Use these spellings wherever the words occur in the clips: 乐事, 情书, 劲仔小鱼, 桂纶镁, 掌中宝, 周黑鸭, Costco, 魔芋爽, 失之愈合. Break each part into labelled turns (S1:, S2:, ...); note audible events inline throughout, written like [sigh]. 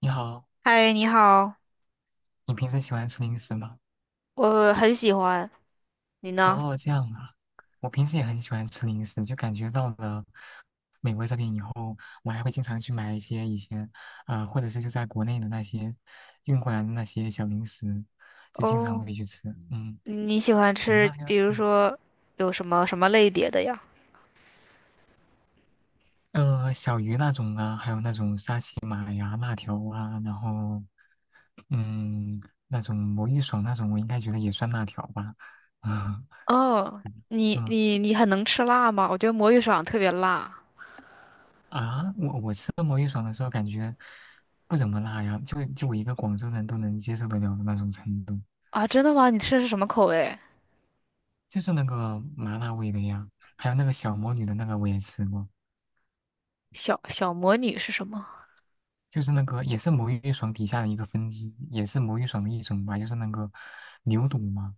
S1: 你好，
S2: 嗨，你好，
S1: 你平时喜欢吃零食吗？
S2: 我很喜欢，你呢？
S1: 哦，这样啊，我平时也很喜欢吃零食，就感觉到了美国这边以后，我还会经常去买一些以前，或者是就在国内的那些运过来的那些小零食，就经常
S2: 哦，
S1: 会去吃。嗯，
S2: 你喜欢
S1: 你们那
S2: 吃，比
S1: 边，
S2: 如说有什么什么类别的呀？
S1: 小鱼那种啊，还有那种沙琪玛呀、辣条啊，嗯，那种魔芋爽那种，我应该觉得也算辣条吧。[laughs]
S2: 哦，你
S1: 嗯
S2: 你你很能吃辣吗？我觉得魔芋爽特别辣
S1: 我吃恶魔芋爽的时候感觉不怎么辣呀，就我一个广州人都能接受得了的那种程度，
S2: 啊！真的吗？你吃的是什么口味？
S1: 就是那个麻辣味的呀，还有那个小魔女的那个我也吃过，
S2: 小魔女是什么？
S1: 就是那个也是魔芋爽底下的一个分支，也是魔芋爽的一种吧，就是那个牛肚嘛。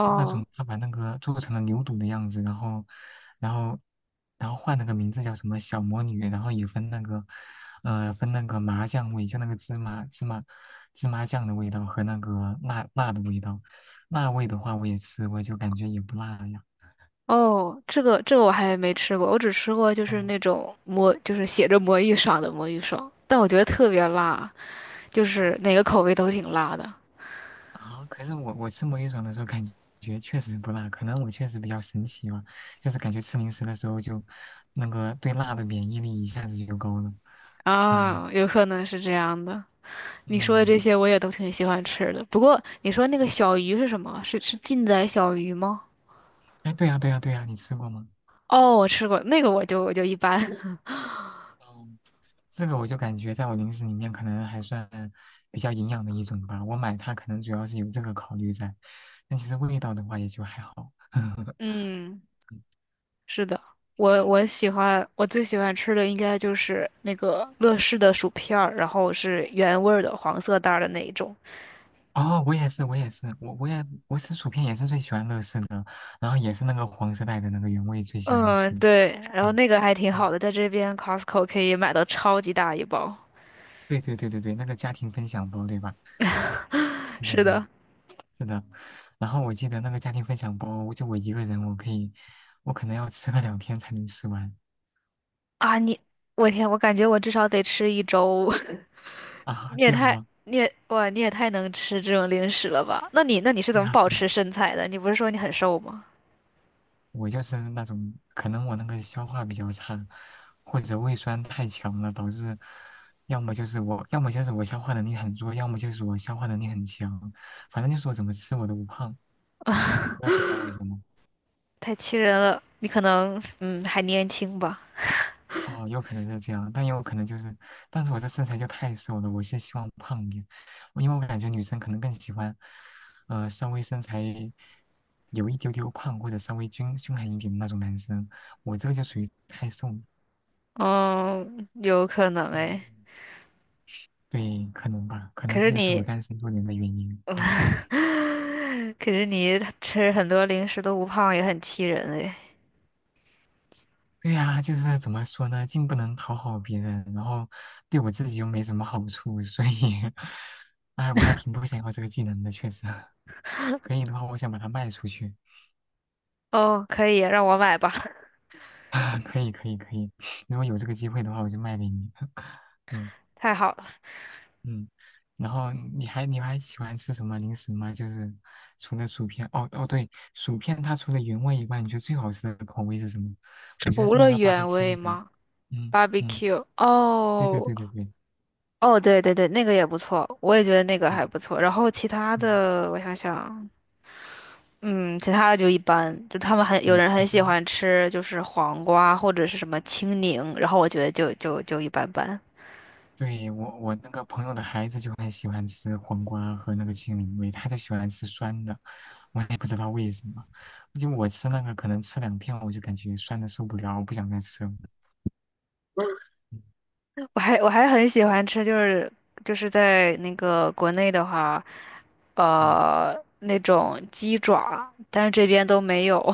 S1: 就那种他把那个做成了牛肚的样子，然后，然后换了个名字叫什么小魔女，然后也分那个，分那个麻酱味，就那个芝麻酱的味道和那个辣辣的味道，辣味的话我也吃过，我就感觉也不辣呀，
S2: 哦，这个我还没吃过，我只吃过就是
S1: 嗯，
S2: 那种魔，就是写着魔芋爽的魔芋爽，但我觉得特别辣，就
S1: 哦
S2: 是哪个口味都挺辣的
S1: 可是我吃魔芋爽的时候感觉确实不辣，可能我确实比较神奇吧，就是感觉吃零食的时候就那个对辣的免疫力一下子就高了，
S2: 啊，有可能是这样的。你说的这
S1: 嗯。
S2: 些我也都挺喜欢吃的。不过你说那个小鱼是什么？是劲仔小鱼吗？
S1: 哎，对呀，对呀，对呀，你吃过吗？
S2: 哦，我吃过那个，我就一般。[laughs]
S1: 嗯，这个我就感觉在我零食里面可能还算比较营养的一种吧。我买它可能主要是有这个考虑在，但其实味道的话也就还好。[laughs]
S2: 嗯，是的，我最喜欢吃的应该就是那个乐事的薯片儿，然后是原味儿的黄色袋儿的那一种。
S1: 哦，我也是，我也是，我吃薯片也是最喜欢乐事的，然后也是那个黄色带的那个原味最喜欢
S2: 嗯，
S1: 吃。
S2: 对，然后
S1: 嗯
S2: 那个还挺好
S1: 嗯，
S2: 的，在这边 Costco 可以买到超级大一包。
S1: 对对对对对，那个家庭分享包对吧？对对
S2: 是
S1: 对，
S2: 的
S1: 是的。然后我记得那个家庭分享包，就我一个人我可以，我可能要吃个两天才能吃完。
S2: 啊，你我天，我感觉我至少得吃一周。[laughs]
S1: 啊，
S2: 你也
S1: 这样
S2: 太，
S1: 吗？
S2: 你也，哇，你也太能吃这种零食了吧？那你是怎
S1: 对
S2: 么
S1: 呀，
S2: 保
S1: 对呀，
S2: 持身材的？你不是说你很瘦吗？
S1: 我就是那种，可能我那个消化比较差，或者胃酸太强了，导致要么就是我，要么就是我消化能力很弱，要么就是我消化能力很强，反正就是我怎么吃我都不胖，我也不知道为什么。
S2: 太气人了，你可能，嗯，还年轻吧？
S1: 哦，有可能是这样，但也有可能就是，但是我这身材就太瘦了，我是希望胖一点，因为我感觉女生可能更喜欢，稍微身材有一丢丢胖或者稍微均衡一点的那种男生，我这个就属于太瘦了。
S2: 嗯，有可能哎。
S1: 嗯，对，可能吧，可能
S2: 可
S1: 这
S2: 是
S1: 就是我
S2: 你，
S1: 单身多年的原因。嗯，
S2: [laughs] 可是你吃很多零食都不胖，也很气人哎。
S1: 对呀，就是怎么说呢，既不能讨好别人，然后对我自己又没什么好处，所以，[laughs] 哎，我还挺不想要这个技能的，确实。可以的话，我想把它卖出去。
S2: 哦，可以，让我买吧，
S1: [laughs] 可以，可以，可以。如果有这个机会的话，我就卖给你。[laughs] 嗯。
S2: [laughs] 太好了。
S1: 嗯，然后你还喜欢吃什么零食吗？就是除了薯片，哦哦对，薯片它除了原味以外，你觉得最好吃的口味是什么？我觉得
S2: 除
S1: 是那
S2: 了
S1: 个
S2: 原味
S1: BBQ 的。
S2: 吗
S1: 嗯嗯，
S2: ？Barbecue
S1: 对对
S2: 哦，
S1: 对对对
S2: 哦，对对对，那个也不错，我也觉得那个
S1: 对，
S2: 还不错。然后其他
S1: 嗯
S2: 的，我想想。嗯，其他的就一般，就他们很有
S1: 对，
S2: 人
S1: 其
S2: 很喜
S1: 他
S2: 欢吃，就是黄瓜或者是什么青柠，然后我觉得就一般般。
S1: 对我那个朋友的孩子就很喜欢吃黄瓜和那个青柠味，他就喜欢吃酸的，我也不知道为什么，就我吃那个可能吃两片我就感觉酸的受不了，我不想再吃了。嗯
S2: 我还很喜欢吃，就是在那个国内的话，
S1: 嗯，
S2: 那种鸡爪，但是这边都没有。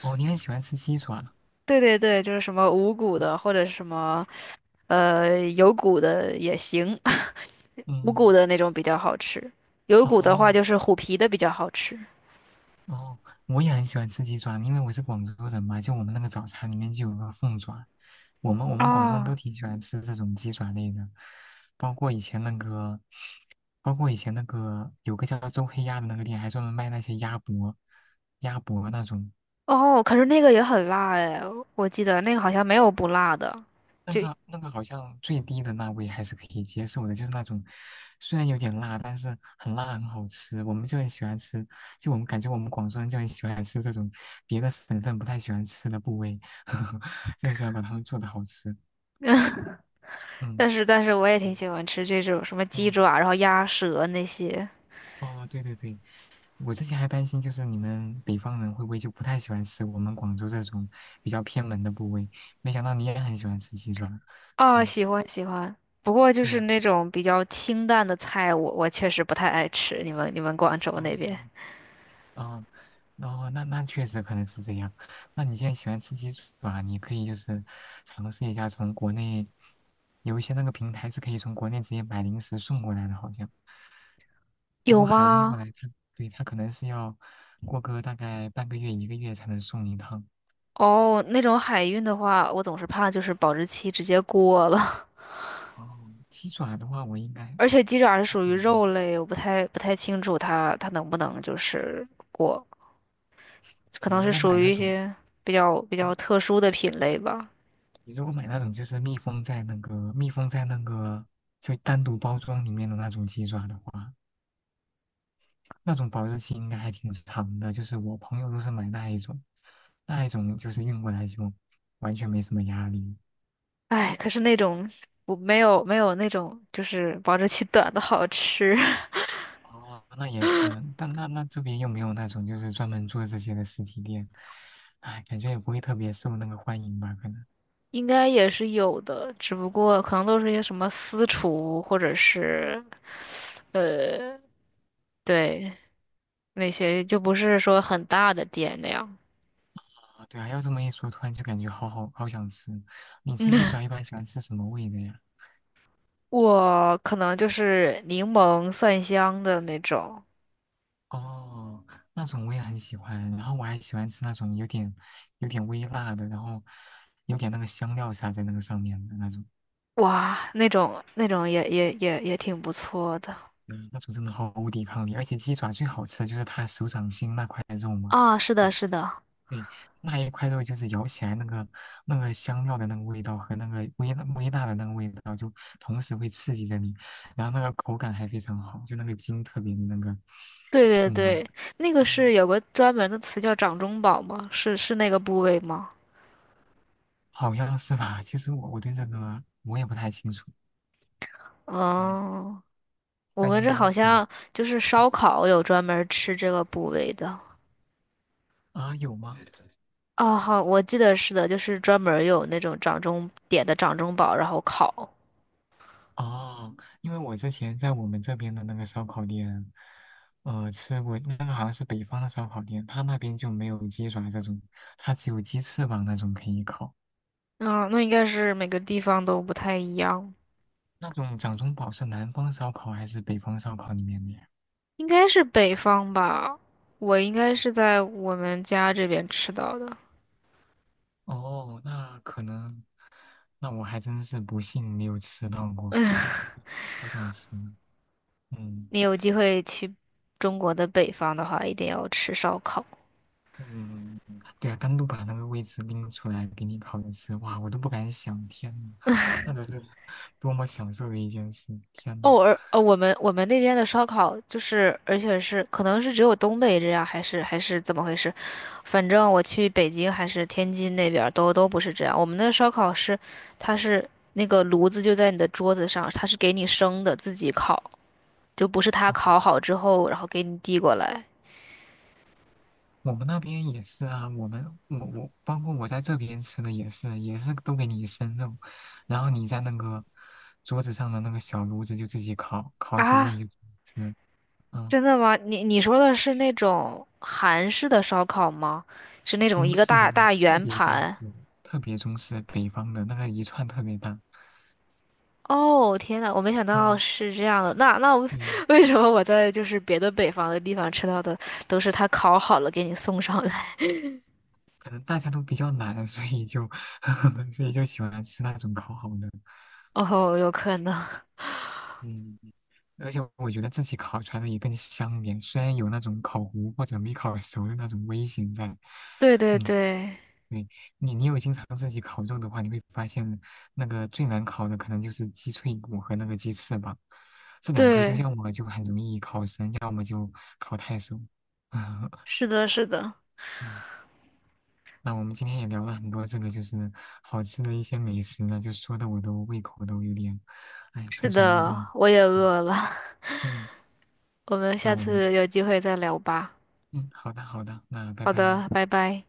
S1: 哦，你很喜欢吃鸡爪，
S2: [laughs] 对对对，就是什么无骨的或者是什么有骨的也行，[laughs] 无骨
S1: 嗯。
S2: 的那种比较好吃，有骨的话
S1: 哦
S2: 就是虎皮的比较好吃。
S1: 哦，我也很喜欢吃鸡爪，因为我是广州人嘛，就我们那个早餐里面就有个凤爪，我们广州人都
S2: 啊。
S1: 挺喜欢吃这种鸡爪类的，包括以前那个，包括以前那个有个叫周黑鸭的那个店，还专门卖那些鸭脖、鸭脖那种，
S2: 哦，可是那个也很辣哎，我记得那个好像没有不辣的，
S1: 那
S2: 就，
S1: 个那个好像最低的那味还是可以接受的，就是那种虽然有点辣，但是很辣很好吃，我们就很喜欢吃，就我们感觉我们广州人就很喜欢吃这种别的省份不太喜欢吃的部位，[laughs] 就很喜欢把它们做的好吃。
S2: [laughs]
S1: 嗯，
S2: 但是我也挺
S1: 对
S2: 喜欢吃这种什么
S1: 嗯，
S2: 鸡
S1: 哦
S2: 爪，然后鸭舌那些
S1: 哦，对对对，我之前还担心就是你们北方人会不会就不太喜欢吃我们广州这种比较偏门的部位，没想到你也很喜欢吃鸡爪。
S2: 啊，
S1: 嗯，
S2: 喜欢喜欢。不过就
S1: 对
S2: 是
S1: 呀。
S2: 那种比较清淡的菜，我确实不太爱吃。你们广州那边
S1: 嗯。啊，哦，那那确实可能是这样。那你现在喜欢吃鸡爪，你可以就是尝试一下从国内有一些那个平台是可以从国内直接买零食送过来的，好像。不过
S2: 有
S1: 海运过
S2: 吗？
S1: 来它，对，它可能是要过个大概半个月一个月才能送一趟。
S2: 哦，那种海运的话，我总是怕就是保质期直接过了，
S1: 哦，鸡爪的话，我应该
S2: [laughs] 而且鸡爪是
S1: 还
S2: 属
S1: 好
S2: 于
S1: 吧
S2: 肉类，我不太清楚它能不能就是过。可
S1: 你
S2: 能
S1: 如
S2: 是
S1: 果
S2: 属
S1: 买
S2: 于
S1: 那
S2: 一
S1: 种，
S2: 些比较
S1: 呃
S2: 特殊的品类吧。
S1: 你如果买那种就是密封在那个就单独包装里面的那种鸡爪的话。那种保质期应该还挺长的，就是我朋友都是买那一种，那一种就是运过来就完全没什么压力。
S2: 哎，可是那种我没有那种就是保质期短的好吃，
S1: 哦，那也是，但那那这边又没有那种就是专门做这些的实体店，哎，感觉也不会特别受那个欢迎吧，可能。
S2: [laughs] 应该也是有的，只不过可能都是一些什么私厨或者是呃对那些就不是说很大的店那样。
S1: 啊，对啊，要这么一说，突然就感觉好想吃。你吃鸡爪一般喜欢吃什么味的呀？
S2: 我可能就是柠檬蒜香的那种，
S1: 哦，那种我也很喜欢，然后我还喜欢吃那种有点微辣的，然后有点那个香料撒在那个上面的那种。
S2: 哇，那种也挺不错的
S1: 嗯，那种真的毫无抵抗力，而且鸡爪最好吃的就是它手掌心那块肉嘛，
S2: 啊，是
S1: 对
S2: 的，是的。
S1: 对那一块肉就是咬起来那个香料的那个味道和那个微微辣的那个味道，就同时会刺激着你，然后那个口感还非常好，就那个筋特别的那个
S2: 对对
S1: 劲吧，
S2: 对，那个
S1: 嗯，
S2: 是有个专门的词叫掌中宝吗？是那个部位吗？
S1: 好像是吧？其实我对这个我也不太清楚，嗯，
S2: 哦，我
S1: 但
S2: 们
S1: 应
S2: 这
S1: 该
S2: 好
S1: 是吧？
S2: 像就是
S1: 嗯
S2: 烧烤有专门吃这个部位的。
S1: 有吗？
S2: 哦，好，我记得是的，就是专门有那种掌中点的掌中宝，然后烤。
S1: 哦，因为我之前在我们这边的那个烧烤店，吃过那个好像是北方的烧烤店，他那边就没有鸡爪这种，他只有鸡翅膀那种可以烤。
S2: 嗯，那应该是每个地方都不太一样，
S1: 那种掌中宝是南方烧烤还是北方烧烤里面的呀？
S2: 应该是北方吧。我应该是在我们家这边吃到的。
S1: 哦，那可能，那我还真是不幸没有吃到过，
S2: [laughs]
S1: 好想吃呢嗯
S2: 你有机会去中国的北方的话，一定要吃烧烤。
S1: 嗯，对啊，单独把那个位置拎出来给你烤着吃，哇，我都不敢想，天呐，那得是多么享受的一件事，天呐。
S2: 哦，而我们那边的烧烤就是，而且是可能是只有东北这样，还是怎么回事？反正我去北京还是天津那边儿都不是这样。我们的烧烤是，它是那个炉子就在你的桌子上，它是给你生的，自己烤，就不是它
S1: 啊，
S2: 烤好之后然后给你递过来
S1: 我们那边也是啊，我包括我在这边吃的也是，也是都给你生肉，然后你在那个桌子上的那个小炉子就自己烤，烤熟了你
S2: 啊？
S1: 就自己吃。嗯，
S2: 真的吗？你说的是那种韩式的烧烤吗？是那种
S1: 中
S2: 一个
S1: 式
S2: 大
S1: 的
S2: 大
S1: 特
S2: 圆
S1: 别中
S2: 盘。
S1: 式，特别中式，北方的那个一串特别大。
S2: 哦，天呐，我没想到
S1: 嗯，
S2: 是这样的。那我
S1: 对，
S2: [laughs] 为什么我在就是别的北方的地方吃到的都是他烤好了给你送上来？
S1: 可能大家都比较懒，所以就 [laughs] 所以就喜欢吃那种烤好的。
S2: [laughs] 哦，有可能。
S1: 嗯，而且我觉得自己烤出来的也更香点，虽然有那种烤糊或者没烤熟的那种危险在。
S2: 对对
S1: 嗯，
S2: 对
S1: 对，你有经常自己烤肉的话，你会发现那个最难烤的可能就是鸡脆骨和那个鸡翅膀，这两个就
S2: 对，
S1: 要么就很容易烤生，要么就烤太熟。[laughs]
S2: 是的，是的，
S1: 嗯那我们今天也聊了很多这个就是好吃的一些美食呢，就说的我都胃口都有点，哎，
S2: 是
S1: 蠢蠢欲
S2: 的，
S1: 动。
S2: 我也
S1: 嗯
S2: 饿了。[laughs]
S1: 嗯，
S2: 我们下
S1: 那我们
S2: 次有机会再聊吧。
S1: 嗯，好的好的，那拜
S2: 好
S1: 拜。
S2: 的，拜拜。